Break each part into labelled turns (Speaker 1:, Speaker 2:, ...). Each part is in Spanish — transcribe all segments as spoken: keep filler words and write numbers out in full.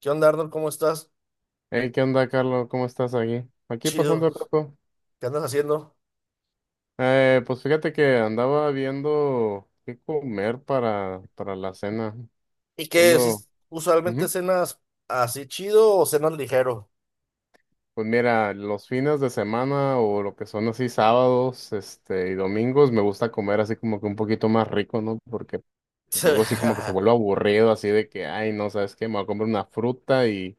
Speaker 1: ¿Qué onda, Arnold? ¿Cómo estás?
Speaker 2: Hey, ¿qué onda, Carlos? ¿Cómo estás aquí? Aquí pasando
Speaker 1: Chido.
Speaker 2: el rato.
Speaker 1: ¿Qué andas haciendo?
Speaker 2: Eh, pues fíjate que andaba viendo qué comer para, para la cena.
Speaker 1: ¿Y qué?
Speaker 2: Ando,
Speaker 1: Si Usualmente,
Speaker 2: ujú.
Speaker 1: ¿cenas así chido o cenas ligero?
Speaker 2: Pues mira, los fines de semana o lo que son así sábados, este, y domingos, me gusta comer así como que un poquito más rico, ¿no? Porque pues, luego así como que se vuelve aburrido, así de que, ay, no, ¿sabes qué? Me voy a comer una fruta y,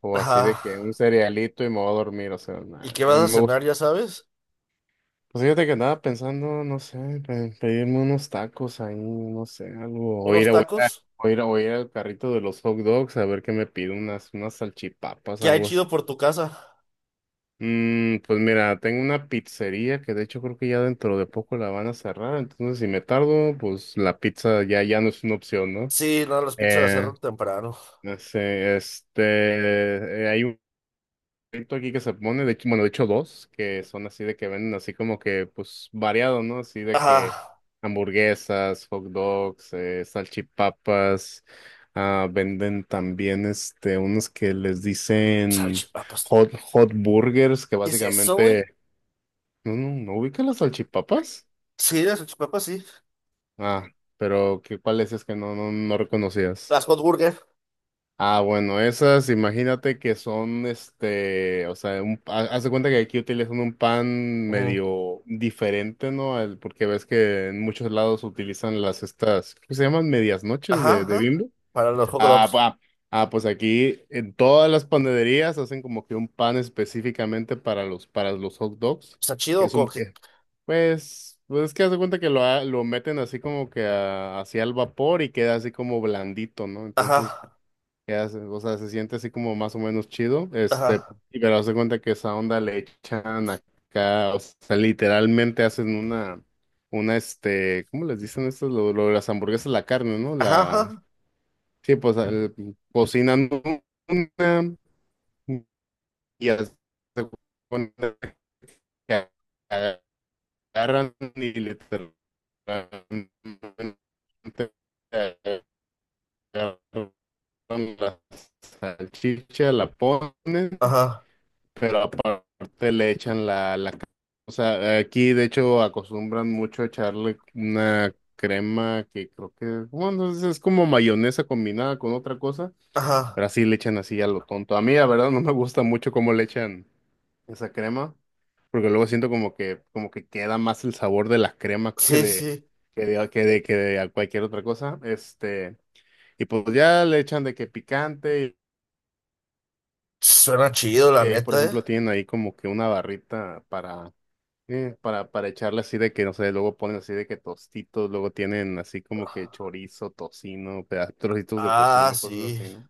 Speaker 2: o así de
Speaker 1: Ajá.
Speaker 2: que un cerealito y me voy a dormir, o sea,
Speaker 1: ¿Y
Speaker 2: nada,
Speaker 1: qué vas a
Speaker 2: me gusta.
Speaker 1: cenar? ¿Ya sabes?
Speaker 2: Pues fíjate que andaba pensando, no sé, pe- pedirme unos tacos ahí, no sé, algo, o
Speaker 1: ¿Unos
Speaker 2: ir a, o
Speaker 1: tacos?
Speaker 2: ir a, o ir al carrito de los hot dogs a ver qué me pido, unas, unas salchipapas,
Speaker 1: ¿Qué hay
Speaker 2: algo así.
Speaker 1: chido por tu casa?
Speaker 2: Mm, pues mira, tengo una pizzería que de hecho creo que ya dentro de poco la van a cerrar, entonces si me tardo, pues la pizza ya, ya no es una opción, ¿no?
Speaker 1: Sí, no, las pizzas las
Speaker 2: Eh,
Speaker 1: cerran temprano.
Speaker 2: no sé, este, eh, hay carrito aquí que se pone, de hecho, bueno, de hecho dos, que son así de que venden así como que, pues, variado, ¿no? Así de
Speaker 1: Ajá.
Speaker 2: que hamburguesas, hot dogs, eh, salchipapas, ah, venden también, este, unos que les dicen
Speaker 1: Salchipapas.
Speaker 2: hot, hot burgers, que
Speaker 1: ¿Qué es eso, güey?
Speaker 2: básicamente, no, no, ¿no ubica las salchipapas?
Speaker 1: Sí, las salchipapas, sí.
Speaker 2: Ah, pero, ¿qué, cuáles es que no, no, no reconocías?
Speaker 1: Las hot burger.
Speaker 2: Ah, bueno, esas, imagínate que son, este, o sea, un, ha- haz de cuenta que aquí utilizan un pan
Speaker 1: Ujú.
Speaker 2: medio diferente, ¿no? Al- porque ves que en muchos lados utilizan las estas, ¿qué se llaman? Medias noches
Speaker 1: Ajá,
Speaker 2: de, de
Speaker 1: ajá.
Speaker 2: Bimbo.
Speaker 1: Para los hot
Speaker 2: Ah,
Speaker 1: dogs.
Speaker 2: pa- ah, pues aquí en todas las panaderías hacen como que un pan específicamente para los, para los hot dogs,
Speaker 1: ¿Está chido
Speaker 2: que
Speaker 1: o
Speaker 2: es
Speaker 1: con
Speaker 2: un,
Speaker 1: qué?
Speaker 2: que, pues, pues es que haz de cuenta que lo, ha- lo meten así como que a- hacia el vapor y queda así como blandito, ¿no?
Speaker 1: Ajá,
Speaker 2: Entonces, que hace, o sea, se siente así como más o menos chido, este,
Speaker 1: ajá.
Speaker 2: y pero haz de cuenta que esa onda le echan acá, o sea, literalmente hacen una, una, este, ¿cómo les dicen estas? Lo, lo de las hamburguesas, la carne, ¿no?
Speaker 1: Ajá,
Speaker 2: La,
Speaker 1: ajá.
Speaker 2: sí, pues, el- cocinan una y haz de cuenta que agarran y literalmente agarran la salchicha, la ponen.
Speaker 1: Ajá,
Speaker 2: Pero aparte le echan la, la... ca- O sea, aquí de hecho acostumbran mucho a echarle una crema que creo que, bueno, es, es como mayonesa combinada con otra cosa, pero
Speaker 1: ajá.
Speaker 2: así le echan así a lo tonto. A mí, la verdad, no me gusta mucho cómo le echan esa crema, porque luego siento como que, como que queda más el sabor de la crema que
Speaker 1: Sí,
Speaker 2: de,
Speaker 1: sí.
Speaker 2: que de, que de, que de a cualquier otra cosa. Este, y pues ya le echan de que picante,
Speaker 1: Suena chido, la
Speaker 2: y ahí, por
Speaker 1: neta, ¿eh?
Speaker 2: ejemplo, tienen ahí como que una barrita para Eh, para, para echarle así de que, no sé, luego ponen así de que tostitos, luego tienen así como que chorizo, tocino, peda- trocitos de
Speaker 1: Ah,
Speaker 2: tocino, cosas
Speaker 1: sí.
Speaker 2: así, ¿no?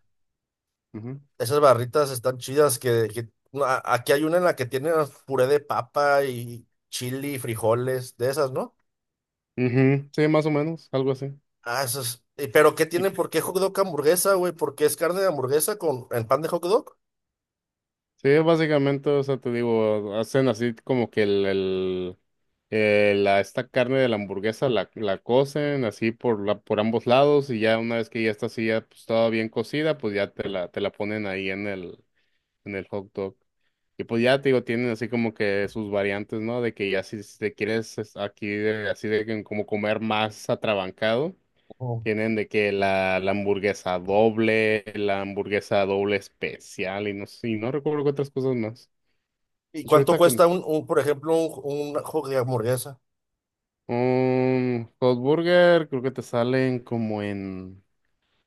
Speaker 2: Ujú.
Speaker 1: Esas barritas están chidas que, que- no, a- aquí hay una en la que tiene puré de papa y chili, frijoles, de esas, ¿no?
Speaker 2: Ujú, sí, más o menos, algo así.
Speaker 1: Ah, esas. ¿Y pero qué
Speaker 2: Y
Speaker 1: tiene? ¿Por qué hot dog hamburguesa, güey? ¿Por qué es carne de hamburguesa con en pan de hot dog?
Speaker 2: sí, básicamente, o sea, te digo, hacen así como que el, el- eh, la, esta carne de la hamburguesa la, la cocen así por, la, por ambos lados y ya una vez que ya está así, ya pues, toda bien cocida, pues ya te la, te la ponen ahí en el... en el hot dog. Y pues ya te digo, tienen así como que sus variantes, ¿no? De que ya si te quieres es- aquí de- así de que como comer más atrabancado,
Speaker 1: Oh.
Speaker 2: tienen de que la, la hamburguesa doble, la hamburguesa doble especial y no sé, y no recuerdo qué otras cosas más.
Speaker 1: ¿Y
Speaker 2: De hecho,
Speaker 1: cuánto
Speaker 2: ahorita que
Speaker 1: cuesta un, un, por ejemplo, un, un hot de hamburguesa?
Speaker 2: un hot burger creo que te salen como en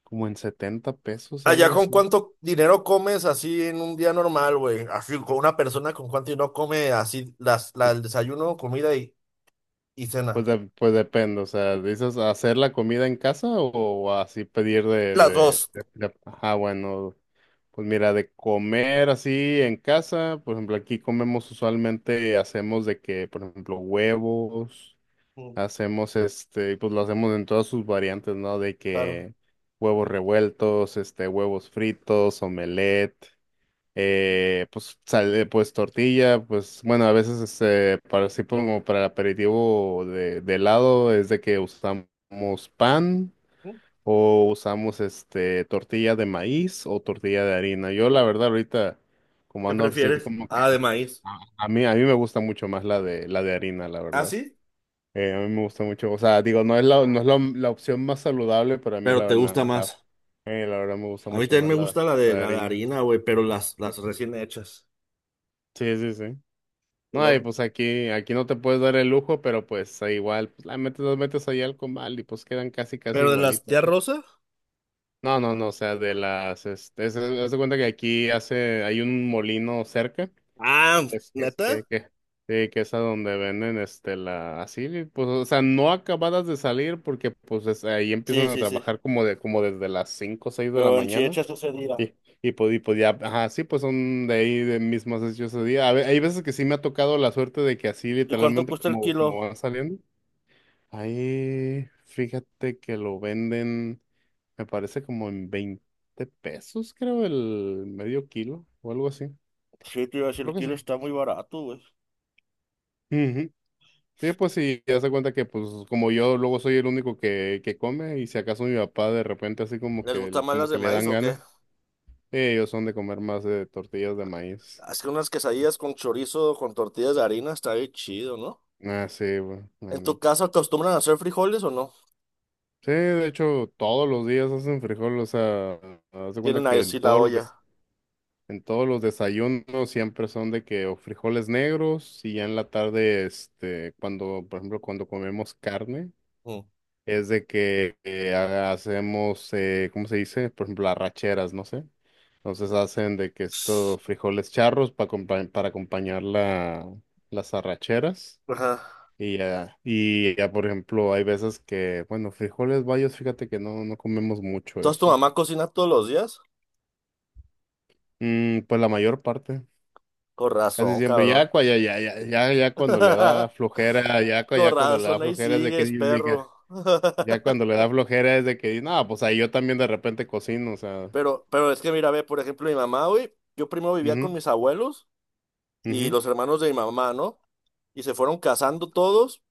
Speaker 2: como en setenta pesos,
Speaker 1: Allá,
Speaker 2: algo
Speaker 1: ¿con
Speaker 2: así.
Speaker 1: cuánto dinero comes así en un día normal, güey? Así, con una persona, ¿con cuánto dinero come así las, la, el desayuno, comida y, y
Speaker 2: Pues,
Speaker 1: cena?
Speaker 2: de- pues depende, o sea, ¿dices hacer la comida en casa o así pedir? de,
Speaker 1: Las
Speaker 2: de,
Speaker 1: dos.
Speaker 2: de- de- Ajá, bueno, pues mira, de comer así en casa, por ejemplo, aquí comemos usualmente, hacemos de que, por ejemplo, huevos,
Speaker 1: Mm,
Speaker 2: hacemos este, pues lo hacemos en todas sus variantes, ¿no? De
Speaker 1: claro.
Speaker 2: que huevos revueltos, este, huevos fritos, omelette eh, pues sale, pues tortilla, pues bueno, a veces este, para así como para el aperitivo de, de helado es de que usamos pan
Speaker 1: Mm,
Speaker 2: o usamos este tortilla de maíz o tortilla de harina. Yo la verdad ahorita como
Speaker 1: ¿qué
Speaker 2: ando así
Speaker 1: prefieres?
Speaker 2: como que
Speaker 1: Ah, de maíz.
Speaker 2: a, a mí a mí me gusta mucho más la de la de harina, la
Speaker 1: ¿Ah,
Speaker 2: verdad.
Speaker 1: sí?
Speaker 2: Eh, a mí me gusta mucho, o sea, digo, no es la, no es la, la opción más saludable, pero a mí
Speaker 1: Pero
Speaker 2: la,
Speaker 1: te gusta
Speaker 2: verdad la,
Speaker 1: más.
Speaker 2: eh, la verdad me gusta
Speaker 1: A mí
Speaker 2: mucho
Speaker 1: también
Speaker 2: más
Speaker 1: me
Speaker 2: la, de-
Speaker 1: gusta la
Speaker 2: la
Speaker 1: de
Speaker 2: de
Speaker 1: la de
Speaker 2: harina.
Speaker 1: harina, güey, pero las, las recién hechas.
Speaker 2: Sí, sí, sí. No, y
Speaker 1: Lo-
Speaker 2: pues aquí, aquí no te puedes dar el lujo, pero pues ahí igual, pues la metes, las metes ahí al comal y pues quedan casi, casi
Speaker 1: ¿Pero de las
Speaker 2: igualitas,
Speaker 1: tía
Speaker 2: ¿no?
Speaker 1: Rosa?
Speaker 2: No, no, no, o sea, de las, este, es- haz de cuenta que aquí hace, hay un molino cerca,
Speaker 1: Ah,
Speaker 2: es que, es
Speaker 1: ¿neta?
Speaker 2: que, que, sí, que es a donde venden, este, la, así, pues, o sea, no acabadas de salir porque, pues, es- ahí empiezan
Speaker 1: Sí,
Speaker 2: a
Speaker 1: sí, sí.
Speaker 2: trabajar como de, como desde las cinco o seis de la
Speaker 1: Pero en sí
Speaker 2: mañana.
Speaker 1: hechas ese día.
Speaker 2: Y, y, pod- y podía, ajá, sí, pues son de ahí de mis más ese día. A ve- hay veces que sí me ha tocado la suerte de que así
Speaker 1: ¿Y cuánto
Speaker 2: literalmente
Speaker 1: cuesta el
Speaker 2: como, como
Speaker 1: kilo?
Speaker 2: van saliendo. Ahí, fíjate que lo venden, me parece como en veinte pesos, creo, el medio kilo o algo así.
Speaker 1: Sí, te iba a decir,
Speaker 2: Creo
Speaker 1: el
Speaker 2: que sí.
Speaker 1: kilo está muy barato, güey.
Speaker 2: Ujú. Sí, pues sí, ya se cuenta que pues como yo luego soy el único que, que come y si acaso mi papá de repente así como
Speaker 1: ¿Les
Speaker 2: que, el-
Speaker 1: gustan más
Speaker 2: como
Speaker 1: las
Speaker 2: que
Speaker 1: de
Speaker 2: le
Speaker 1: maíz
Speaker 2: dan
Speaker 1: o qué?
Speaker 2: ganas, ellos son de comer más de tortillas de maíz.
Speaker 1: Haz que unas quesadillas con chorizo, con tortillas de harina, está bien chido, ¿no?
Speaker 2: Ah, sí, güey. La
Speaker 1: ¿En tu
Speaker 2: neta.
Speaker 1: casa acostumbran a hacer frijoles o no?
Speaker 2: Sí, de hecho, todos los días hacen frijol, o sea, haz de cuenta
Speaker 1: Tienen ahí
Speaker 2: que en
Speaker 1: así la
Speaker 2: todos los des-
Speaker 1: olla.
Speaker 2: en todos los desayunos siempre son de que o frijoles negros y ya en la tarde, este, cuando, por ejemplo, cuando comemos carne,
Speaker 1: Mm.
Speaker 2: es de que eh, ha- hacemos, eh, ¿cómo se dice? Por ejemplo, arracheras, no sé. Entonces hacen de que estos frijoles charros para, para acompañar la, las arracheras.
Speaker 1: Ajá.
Speaker 2: Y ya, y ya, por ejemplo, hay veces que, bueno, frijoles bayos, fíjate que no, no comemos mucho
Speaker 1: Entonces, ¿tu
Speaker 2: eso.
Speaker 1: mamá cocina todos los días?
Speaker 2: Mm, pues la mayor parte,
Speaker 1: Con
Speaker 2: casi
Speaker 1: razón,
Speaker 2: siempre.
Speaker 1: cabrón.
Speaker 2: Ya, cua- ya, ya, ya, ya, ya cuando le da flojera, ya, cua-
Speaker 1: Con
Speaker 2: ya cuando le da
Speaker 1: razón, ahí
Speaker 2: flojera es de que,
Speaker 1: sigues,
Speaker 2: de que-
Speaker 1: perro.
Speaker 2: ya cuando le da flojera es de que, no, pues ahí yo también de repente cocino, o sea.
Speaker 1: Pero, pero es que mira, ve, por ejemplo, mi mamá, güey, yo primero vivía con
Speaker 2: Ujú,
Speaker 1: mis abuelos y
Speaker 2: ujú,
Speaker 1: los hermanos de mi mamá, ¿no? Y se fueron casando todos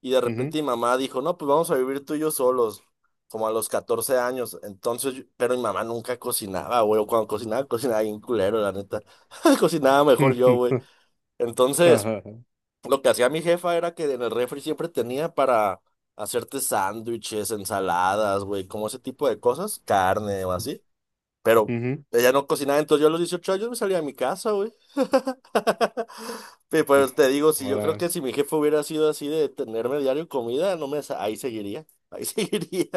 Speaker 1: y de repente
Speaker 2: ujú,
Speaker 1: mi mamá dijo, no, pues vamos a vivir tú y yo solos, como a los catorce años. Entonces, yo- pero mi mamá nunca cocinaba, güey, o cuando cocinaba, cocinaba bien culero, la neta. Cocinaba mejor yo, güey. Entonces...
Speaker 2: ujú,
Speaker 1: Lo que hacía mi jefa era que en el refri siempre tenía para hacerte sándwiches, ensaladas, güey, como ese tipo de cosas, carne o así. Pero ella no cocinaba, entonces yo a los dieciocho años me salía a mi casa, güey. Pero
Speaker 2: ujú.
Speaker 1: pues te digo, si yo creo
Speaker 2: Ahora.
Speaker 1: que si mi jefe hubiera sido así de tenerme diario comida, no me sa- ahí seguiría, ahí seguiría,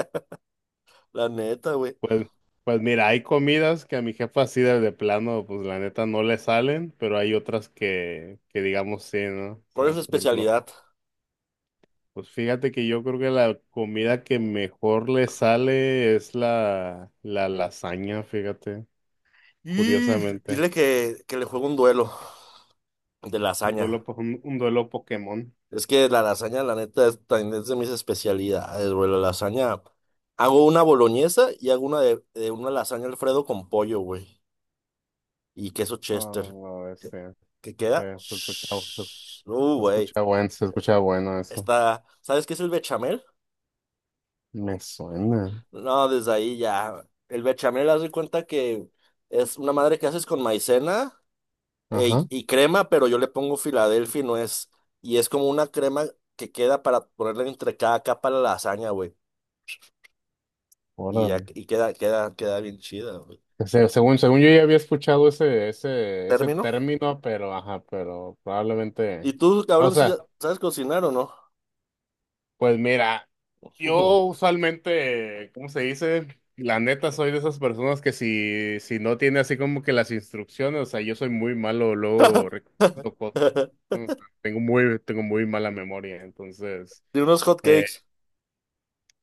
Speaker 1: la neta, güey.
Speaker 2: Pues, pues mira, hay comidas que a mi jefa así de, de plano, pues la neta no le salen, pero hay otras que, que digamos sí, ¿no? O
Speaker 1: ¿Por es
Speaker 2: sea,
Speaker 1: su
Speaker 2: por ejemplo,
Speaker 1: especialidad?
Speaker 2: pues fíjate que yo creo que la comida que mejor le sale es la, la lasaña, fíjate,
Speaker 1: Y dile
Speaker 2: curiosamente.
Speaker 1: que, que le juego un duelo de
Speaker 2: Un duelo,
Speaker 1: lasaña.
Speaker 2: po- un, un duelo Pokémon.
Speaker 1: Es que la lasaña, la neta, es, también es de mis especialidades, güey. La lasaña. Hago una boloñesa y hago una de, de una lasaña Alfredo con pollo, güey. Y queso Chester.
Speaker 2: Ah,
Speaker 1: ¿Qué,
Speaker 2: este,
Speaker 1: qué queda?
Speaker 2: se, se escucha, se,
Speaker 1: Shhh. Uh,
Speaker 2: se
Speaker 1: güey.
Speaker 2: escucha bueno, se escucha bueno eso.
Speaker 1: Está. ¿Sabes qué es el bechamel?
Speaker 2: Me suena.
Speaker 1: No, desde ahí ya. El bechamel, haz de cuenta que es una madre que haces con maicena e-
Speaker 2: Ajá.
Speaker 1: y crema, pero yo le pongo Filadelfia y no es. Y es como una crema que queda para ponerle entre cada capa a la lasaña, güey. Y, ya- y queda, queda, queda bien chida, güey.
Speaker 2: O sea, según, según yo ya había escuchado ese, ese, ese
Speaker 1: ¿Termino?
Speaker 2: término, pero ajá, pero probablemente.
Speaker 1: ¿Y tú,
Speaker 2: O
Speaker 1: cabrón, sí
Speaker 2: sea,
Speaker 1: sabes cocinar o no?
Speaker 2: pues mira, yo usualmente, ¿cómo se dice? La neta soy de esas personas que si, si no tiene así como que las instrucciones, o sea, yo soy muy malo, luego recuerdo cosas, ¿no? Tengo muy, tengo muy mala memoria, entonces.
Speaker 1: De unos hot
Speaker 2: Eh,
Speaker 1: cakes.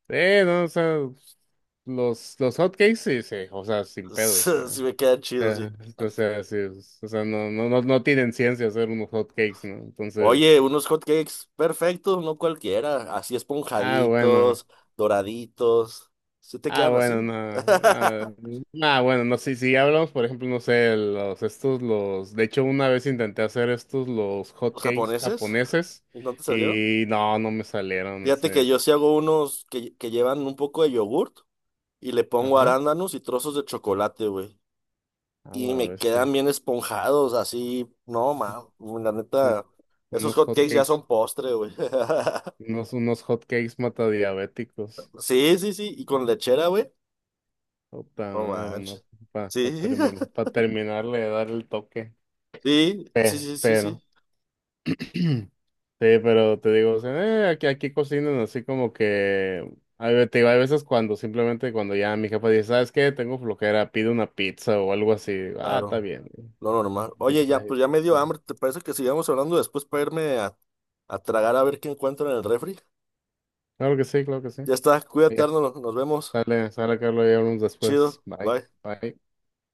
Speaker 2: eh, no, o sea, los, los hotcakes sí, sí, o sea, sin pedos. Ah.
Speaker 1: Sí me quedan chidos,
Speaker 2: Eh,
Speaker 1: sí.
Speaker 2: o sea, sí, es- o sea, no, no, no, no tienen ciencia hacer unos hot cakes, ¿no?
Speaker 1: Oye,
Speaker 2: Entonces,
Speaker 1: unos hot cakes perfectos, no cualquiera. Así
Speaker 2: ah, bueno,
Speaker 1: esponjaditos, doraditos. ¿Sí te
Speaker 2: ah,
Speaker 1: quedan
Speaker 2: bueno,
Speaker 1: así?
Speaker 2: no, ah, ah, bueno, no, si, si hablamos, por ejemplo, no sé, los, estos, los, de hecho, una vez intenté hacer estos, los hot
Speaker 1: ¿Los
Speaker 2: cakes
Speaker 1: japoneses?
Speaker 2: japoneses,
Speaker 1: ¿No te salieron?
Speaker 2: y no, no me salieron,
Speaker 1: Fíjate que yo
Speaker 2: entonces,
Speaker 1: sí hago unos que, que llevan un poco de yogurt y le pongo
Speaker 2: ajá,
Speaker 1: arándanos y trozos de chocolate, güey,
Speaker 2: a
Speaker 1: y
Speaker 2: la
Speaker 1: me quedan
Speaker 2: bestia,
Speaker 1: bien esponjados, así, no, ma, la
Speaker 2: un-
Speaker 1: neta, esos
Speaker 2: unos
Speaker 1: hot
Speaker 2: hot
Speaker 1: cakes ya
Speaker 2: cakes,
Speaker 1: son postre, güey.
Speaker 2: unos, unos hot cakes matadiabéticos,
Speaker 1: Sí, sí, sí, y con lechera, güey.
Speaker 2: puta
Speaker 1: No
Speaker 2: madre,
Speaker 1: manches.
Speaker 2: no, para
Speaker 1: Sí,
Speaker 2: terminar, para terminarle de dar el toque.
Speaker 1: sí, sí,
Speaker 2: Eh,
Speaker 1: sí, sí, sí,
Speaker 2: pero, sí, pero te digo, o sea, eh, aquí, aquí cocinan así como que, hay, ve- te digo, hay veces cuando simplemente cuando ya mi jefa dice, ¿sabes qué? Tengo flojera, pido una pizza o algo así. Digo, ah, está
Speaker 1: claro,
Speaker 2: bien.
Speaker 1: lo normal.
Speaker 2: Y
Speaker 1: Oye,
Speaker 2: pues
Speaker 1: ya,
Speaker 2: ahí-
Speaker 1: pues ya me dio hambre, ¿te parece que sigamos hablando después para irme a, a tragar a ver qué encuentro en el refri?
Speaker 2: Claro que sí, claro que sí.
Speaker 1: Ya está,
Speaker 2: Y
Speaker 1: cuídate,
Speaker 2: ya,
Speaker 1: Arnold, nos vemos.
Speaker 2: sale, sale, Carlos, y hablamos después.
Speaker 1: Chido,
Speaker 2: Bye,
Speaker 1: bye.
Speaker 2: bye.